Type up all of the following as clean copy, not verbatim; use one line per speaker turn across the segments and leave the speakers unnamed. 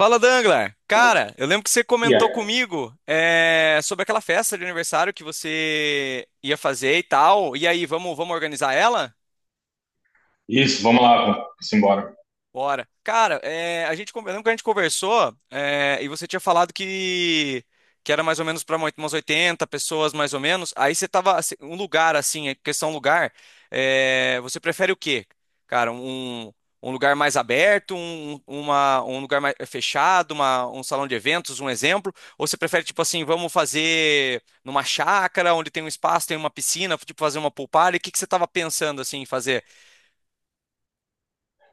Fala, Danglar. Cara, eu lembro que você comentou
Yeah.
comigo sobre aquela festa de aniversário que você ia fazer e tal. E aí, vamos organizar ela?
Isso, vamos lá, vamos embora.
Bora. Cara, lembra que a gente conversou, e você tinha falado que era mais ou menos para umas 80 pessoas, mais ou menos. Aí você tava, assim, um lugar assim, é questão lugar, você prefere o quê? Cara, um, lugar mais aberto, um lugar mais fechado, um salão de eventos, um exemplo? Ou você prefere, tipo assim, vamos fazer numa chácara, onde tem um espaço, tem uma piscina, tipo fazer uma pool party? O que que você tava pensando, assim, em fazer?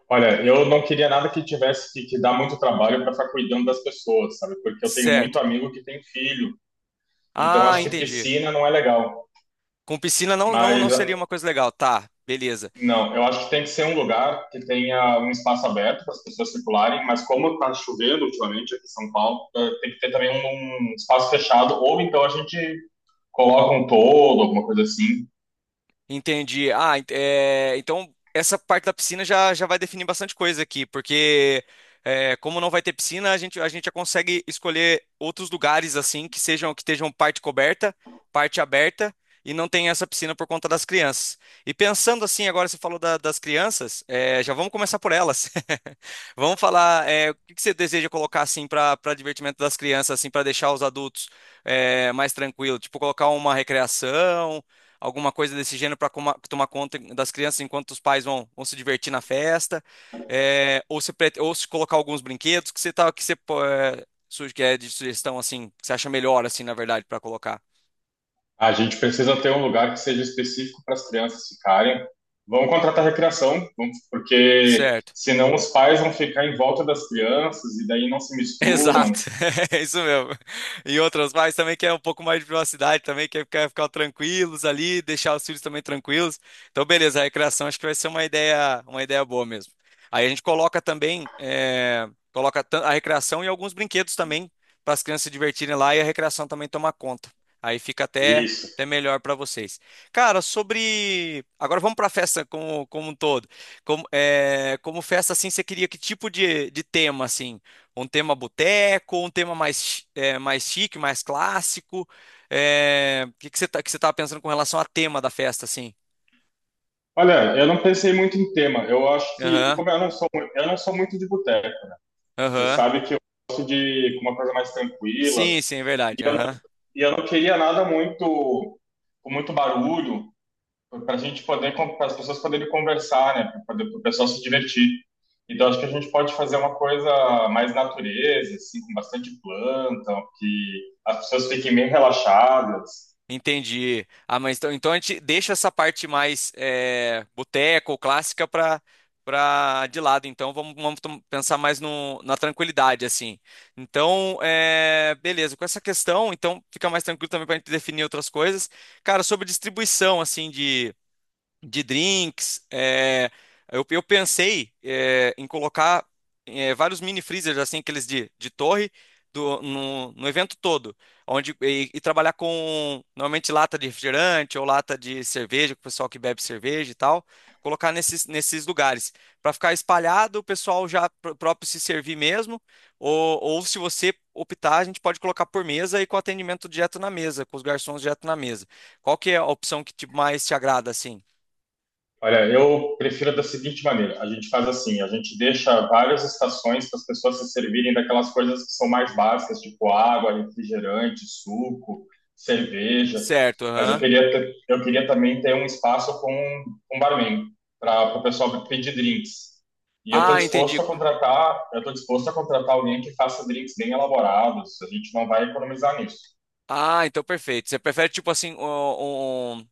Olha, eu não queria nada que tivesse que dar muito trabalho para ficar cuidando das pessoas, sabe? Porque eu tenho
Certo.
muito amigo que tem filho, então
Ah,
acho que
entendi.
piscina não é legal.
Com piscina não, não, não
Mas
seria uma coisa legal. Tá, beleza.
não, eu acho que tem que ser um lugar que tenha um espaço aberto para as pessoas circularem, mas como está chovendo ultimamente aqui em São Paulo, tem que ter também um espaço fechado, ou então a gente coloca um toldo, alguma coisa assim.
Entendi. Ah, é, então essa parte da piscina já vai definir bastante coisa aqui, porque como não vai ter piscina, a gente já consegue escolher outros lugares assim que estejam parte coberta, parte aberta e não tem essa piscina por conta das crianças. E pensando assim, agora você falou das crianças, já vamos começar por elas. Vamos falar, o que que você deseja colocar assim para divertimento das crianças, assim para deixar os adultos mais tranquilos, tipo colocar uma recreação, alguma coisa desse gênero para tomar conta das crianças enquanto os pais vão se divertir na festa, ou se colocar alguns brinquedos que você tá, que você pô- é, suge- que é de sugestão assim, que você acha melhor assim, na verdade, para colocar.
A gente precisa ter um lugar que seja específico para as crianças ficarem. Vamos contratar recreação, porque
Certo.
senão os pais vão ficar em volta das crianças e daí não se
Exato,
misturam.
é isso mesmo. E outras pais também querem um pouco mais de privacidade, também quer ficar tranquilos ali, deixar os filhos também tranquilos. Então, beleza, a recreação acho que vai ser uma ideia boa mesmo. Aí a gente coloca também, a recreação e alguns brinquedos também para as crianças se divertirem lá e a recreação também tomar conta. Aí fica até,
Isso.
até melhor para vocês. Cara, sobre. Agora vamos para a festa como um todo. Como festa, assim, você queria que tipo de tema, assim? Um tema boteco, um tema mais, mais chique, mais clássico. O que que que você tava pensando com relação a tema da festa, assim?
Olha, eu não pensei muito em tema. Eu acho que, e
Aham,
como eu não sou, eu não sou muito de boteco. Você
aham.
sabe que eu sou de uma coisa mais tranquila
Sim, sim, é verdade. Aham.
e eu não queria nada muito com muito barulho, para a gente poder, para as pessoas poderem conversar, né? Para o pessoal se divertir. Então, acho que a gente pode fazer uma coisa mais natureza, assim, com bastante planta, que as pessoas fiquem bem relaxadas.
Entendi. Ah, mas então, a gente deixa essa parte mais boteco, clássica para de lado. Então vamos pensar mais no, na tranquilidade, assim. Então, beleza. Com essa questão, então fica mais tranquilo também para a gente definir outras coisas. Cara, sobre distribuição, assim, de drinks. Eu pensei em colocar vários mini freezers, assim, aqueles de torre, no evento todo, e trabalhar com normalmente lata de refrigerante ou lata de cerveja, com o pessoal que bebe cerveja e tal, colocar nesses lugares, para ficar espalhado, o pessoal já próprio se servir mesmo, ou se você optar, a gente pode colocar por mesa e com atendimento direto na mesa, com os garçons direto na mesa. Qual que é a opção mais te agrada, assim?
Olha, eu prefiro da seguinte maneira: a gente faz assim, a gente deixa várias estações para as pessoas se servirem daquelas coisas que são mais básicas, tipo água, refrigerante, suco, cerveja.
Certo,
Mas eu
aham.
queria, eu queria também ter um espaço com um barman para o pessoal pedir drinks. E eu estou
Ah,
disposto
entendi.
a contratar, eu estou disposto a contratar alguém que faça drinks bem elaborados. A gente não vai economizar
Ah, então perfeito. Você prefere tipo assim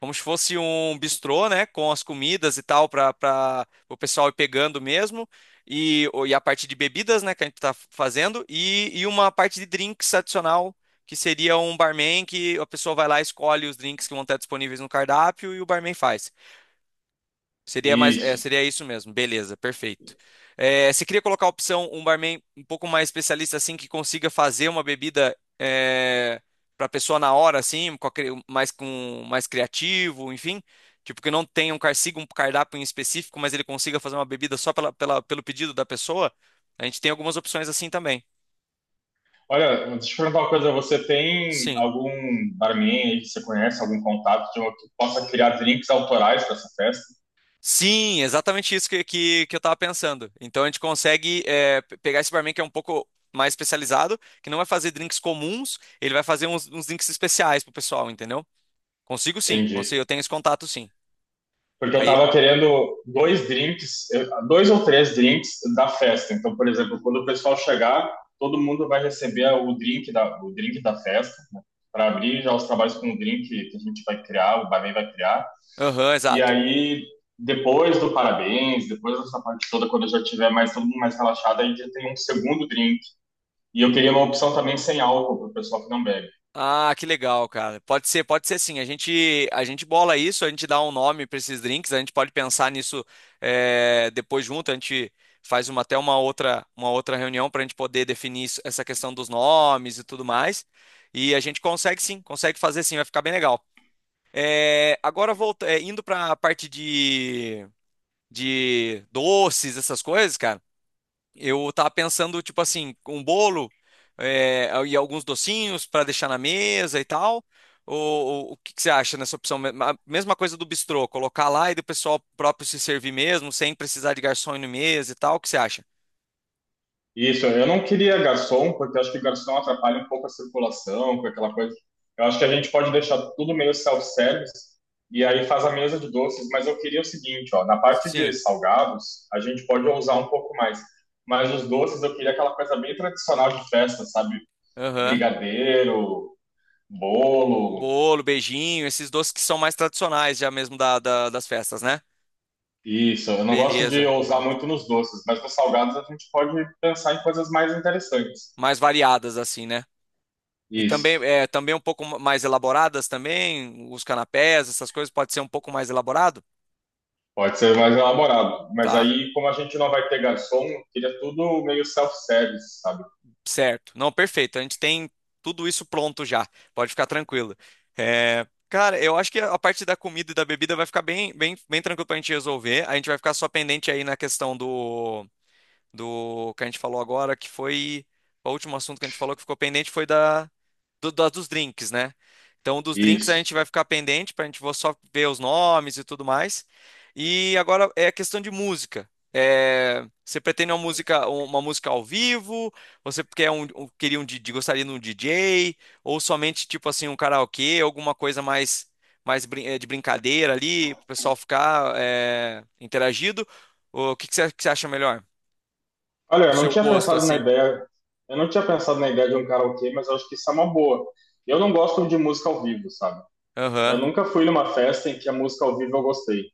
como se fosse um bistrô, né, com as comidas e tal para o pessoal ir pegando mesmo e a parte de bebidas, né, que a gente tá fazendo e uma parte de drinks adicional que seria um barman que a pessoa vai lá e escolhe os drinks que vão estar disponíveis no cardápio e o barman faz. Seria mais,
nisso.
seria isso mesmo. Beleza, perfeito. Você queria colocar a opção um barman um pouco mais especialista assim que consiga fazer uma bebida para a pessoa na hora assim, mais com mais criativo, enfim, tipo que não tenha siga um cardápio em específico, mas ele consiga fazer uma bebida só pelo pedido da pessoa. A gente tem algumas opções assim também.
Olha, deixa eu te perguntar uma coisa. Você tem
Sim.
algum barman aí que você conhece, algum contato de uma, que possa criar drinks autorais para essa festa?
Sim, exatamente isso que eu tava pensando. Então a gente consegue pegar esse barman que é um pouco mais especializado, que não vai fazer drinks comuns, ele vai fazer uns drinks especiais pro pessoal, entendeu? Consigo sim,
Entendi.
consigo, eu tenho esse contato sim.
Porque eu
Aí,
tava querendo dois drinks, dois ou três drinks da festa. Então, por exemplo, quando o pessoal chegar, todo mundo vai receber o drink da festa, né? Para abrir já os trabalhos com o drink que a gente vai criar, o barman vai criar.
aham,
E
exato.
aí, depois do parabéns, depois dessa parte toda, quando já tiver mais todo mundo mais relaxado, aí já tem um segundo drink. E eu queria uma opção também sem álcool para o pessoal que não bebe.
Ah, que legal, cara. Pode ser sim. A gente bola isso, a gente dá um nome para esses drinks, a gente pode pensar nisso, depois junto, a gente faz uma outra reunião para a gente poder definir essa questão dos nomes e tudo mais. E a gente consegue sim, consegue fazer sim, vai ficar bem legal. Agora indo para a parte de doces, essas coisas, cara. Eu tava pensando, tipo assim, um bolo, e alguns docinhos para deixar na mesa e tal. Ou o que que você acha nessa opção? A mesma coisa do bistrô, colocar lá e do pessoal próprio se servir mesmo, sem precisar de garçom ir no mesa e tal. O que você acha?
Isso, eu não queria garçom, porque eu acho que garçom atrapalha um pouco a circulação, com aquela coisa. Eu acho que a gente pode deixar tudo meio self-service e aí faz a mesa de doces, mas eu queria o seguinte, ó, na parte de
Sim.
salgados, a gente pode ousar um pouco mais, mas os doces eu queria aquela coisa bem tradicional de festa, sabe?
Aham.
Brigadeiro, bolo,
Bolo, beijinho, esses doces que são mais tradicionais já mesmo das festas, né?
isso. Eu não gosto de
Beleza,
ousar
top.
muito nos doces, mas nos salgados a gente pode pensar em coisas mais interessantes.
Mais variadas assim, né? E também,
Isso.
também um pouco mais elaboradas também, os canapés, essas coisas pode ser um pouco mais elaborado?
Pode ser mais elaborado, mas
Tá.
aí, como a gente não vai ter garçom, eu queria tudo meio self-service, sabe?
Certo. Não, perfeito. A gente tem tudo isso pronto já. Pode ficar tranquilo. Cara, eu acho que a parte da comida e da bebida vai ficar bem, bem, bem tranquilo pra gente resolver. A gente vai ficar só pendente aí na questão do que a gente falou agora, que foi. O último assunto que a gente falou que ficou pendente foi da, do- das dos drinks, né? Então, um dos drinks a
Isso.
gente vai ficar pendente para a gente vou só ver os nomes e tudo mais. E agora é a questão de música. Você pretende uma música, ao vivo? Você quer queria um DJ, gostaria de um DJ? Ou somente tipo assim um karaokê, alguma coisa mais, de brincadeira ali, para o pessoal ficar interagido? Ou o que que você acha melhor?
Olha,
O seu gosto assim?
eu não tinha pensado na ideia de um karaokê, mas eu acho que isso é uma boa. Eu não gosto de música ao vivo, sabe? Eu
Aham,
nunca fui numa festa em que a música ao vivo eu gostei,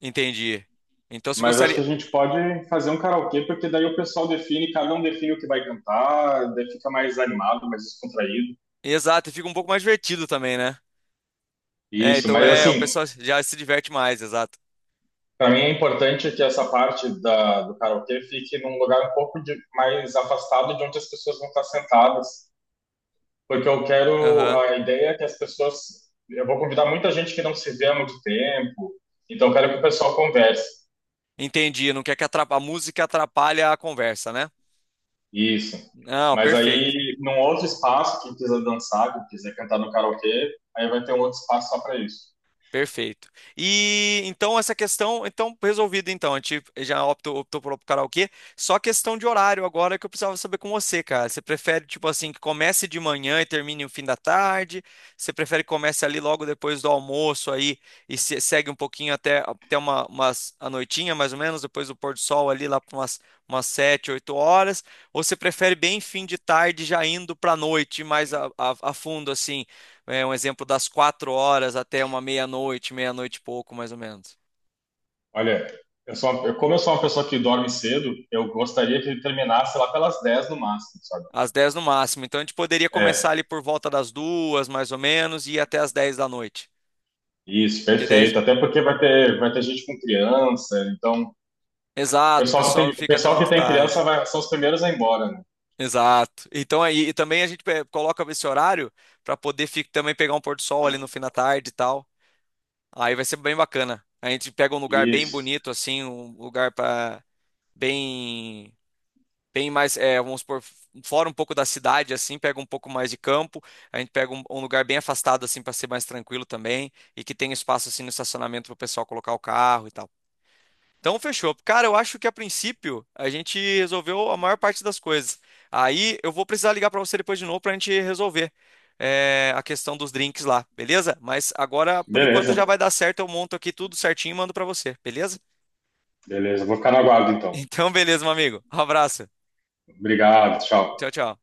entendi. Então você
mas acho que
gostaria,
a gente pode fazer um karaokê, porque daí o pessoal define, cada um define o que vai cantar, daí fica mais animado, mais descontraído.
exato, e fica um pouco mais divertido também, né?
Isso,
Então
mas
o
assim,
pessoal já se diverte mais, exato.
para mim é importante que essa parte da, do karaokê fique num lugar um pouco mais afastado de onde as pessoas vão estar sentadas, porque eu quero,
Aham.
a ideia é que as pessoas, eu vou convidar muita gente que não se vê há muito tempo, então eu quero que o pessoal converse,
Entendi, não quer que a música atrapalhe a conversa, né?
isso.
Não,
Mas
perfeito.
aí, num outro espaço, quem quiser dançar, quem quiser cantar no karaokê, aí vai ter um outro espaço só para isso.
Perfeito. E então essa questão, então resolvida. Então, a gente já optou por karaokê. Só questão de horário agora que eu precisava saber com você, cara. Você prefere tipo assim que comece de manhã e termine no fim da tarde? Você prefere que comece ali logo depois do almoço aí e segue um pouquinho até umas a noitinha mais ou menos, depois do pôr do sol ali lá para umas 7, 8 horas? Ou você prefere bem fim de tarde já indo para noite mais a fundo assim? É um exemplo das 4 horas até uma meia-noite, meia-noite e pouco, mais ou menos.
Olha, eu sou uma, como eu sou uma pessoa que dorme cedo, eu gostaria que ele terminasse lá pelas 10 no máximo, sabe?
Às 10 no máximo. Então a gente poderia começar
É,
ali por volta das 2, mais ou menos, e ir até as 10 da noite.
isso,
Que 10?
perfeito. Até porque vai ter gente com criança, então o
Exato, o
pessoal que
pessoal
tem, o
fica até
pessoal que
muito
tem criança
tarde.
vai, são os primeiros a ir embora, né?
Exato. Então aí e também a gente coloca esse horário para poder também pegar um pôr do sol ali no fim da tarde e tal. Aí vai ser bem bacana. A gente pega um lugar bem
Isso.
bonito assim, um lugar para bem Tem mais, é, vamos supor, fora um pouco da cidade, assim, pega um pouco mais de campo, a gente pega um lugar bem afastado, assim, para ser mais tranquilo também, e que tem espaço, assim, no estacionamento para o pessoal colocar o carro e tal. Então, fechou. Cara, eu acho que a princípio a gente resolveu a maior parte das coisas. Aí eu vou precisar ligar para você depois de novo para a gente resolver, a questão dos drinks lá, beleza? Mas agora, por enquanto,
Beleza,
já vai dar certo. Eu monto aqui tudo certinho e mando para você, beleza?
beleza. Vou ficar no aguardo então.
Então, beleza, meu amigo. Um abraço.
Obrigado, tchau.
Tchau, tchau.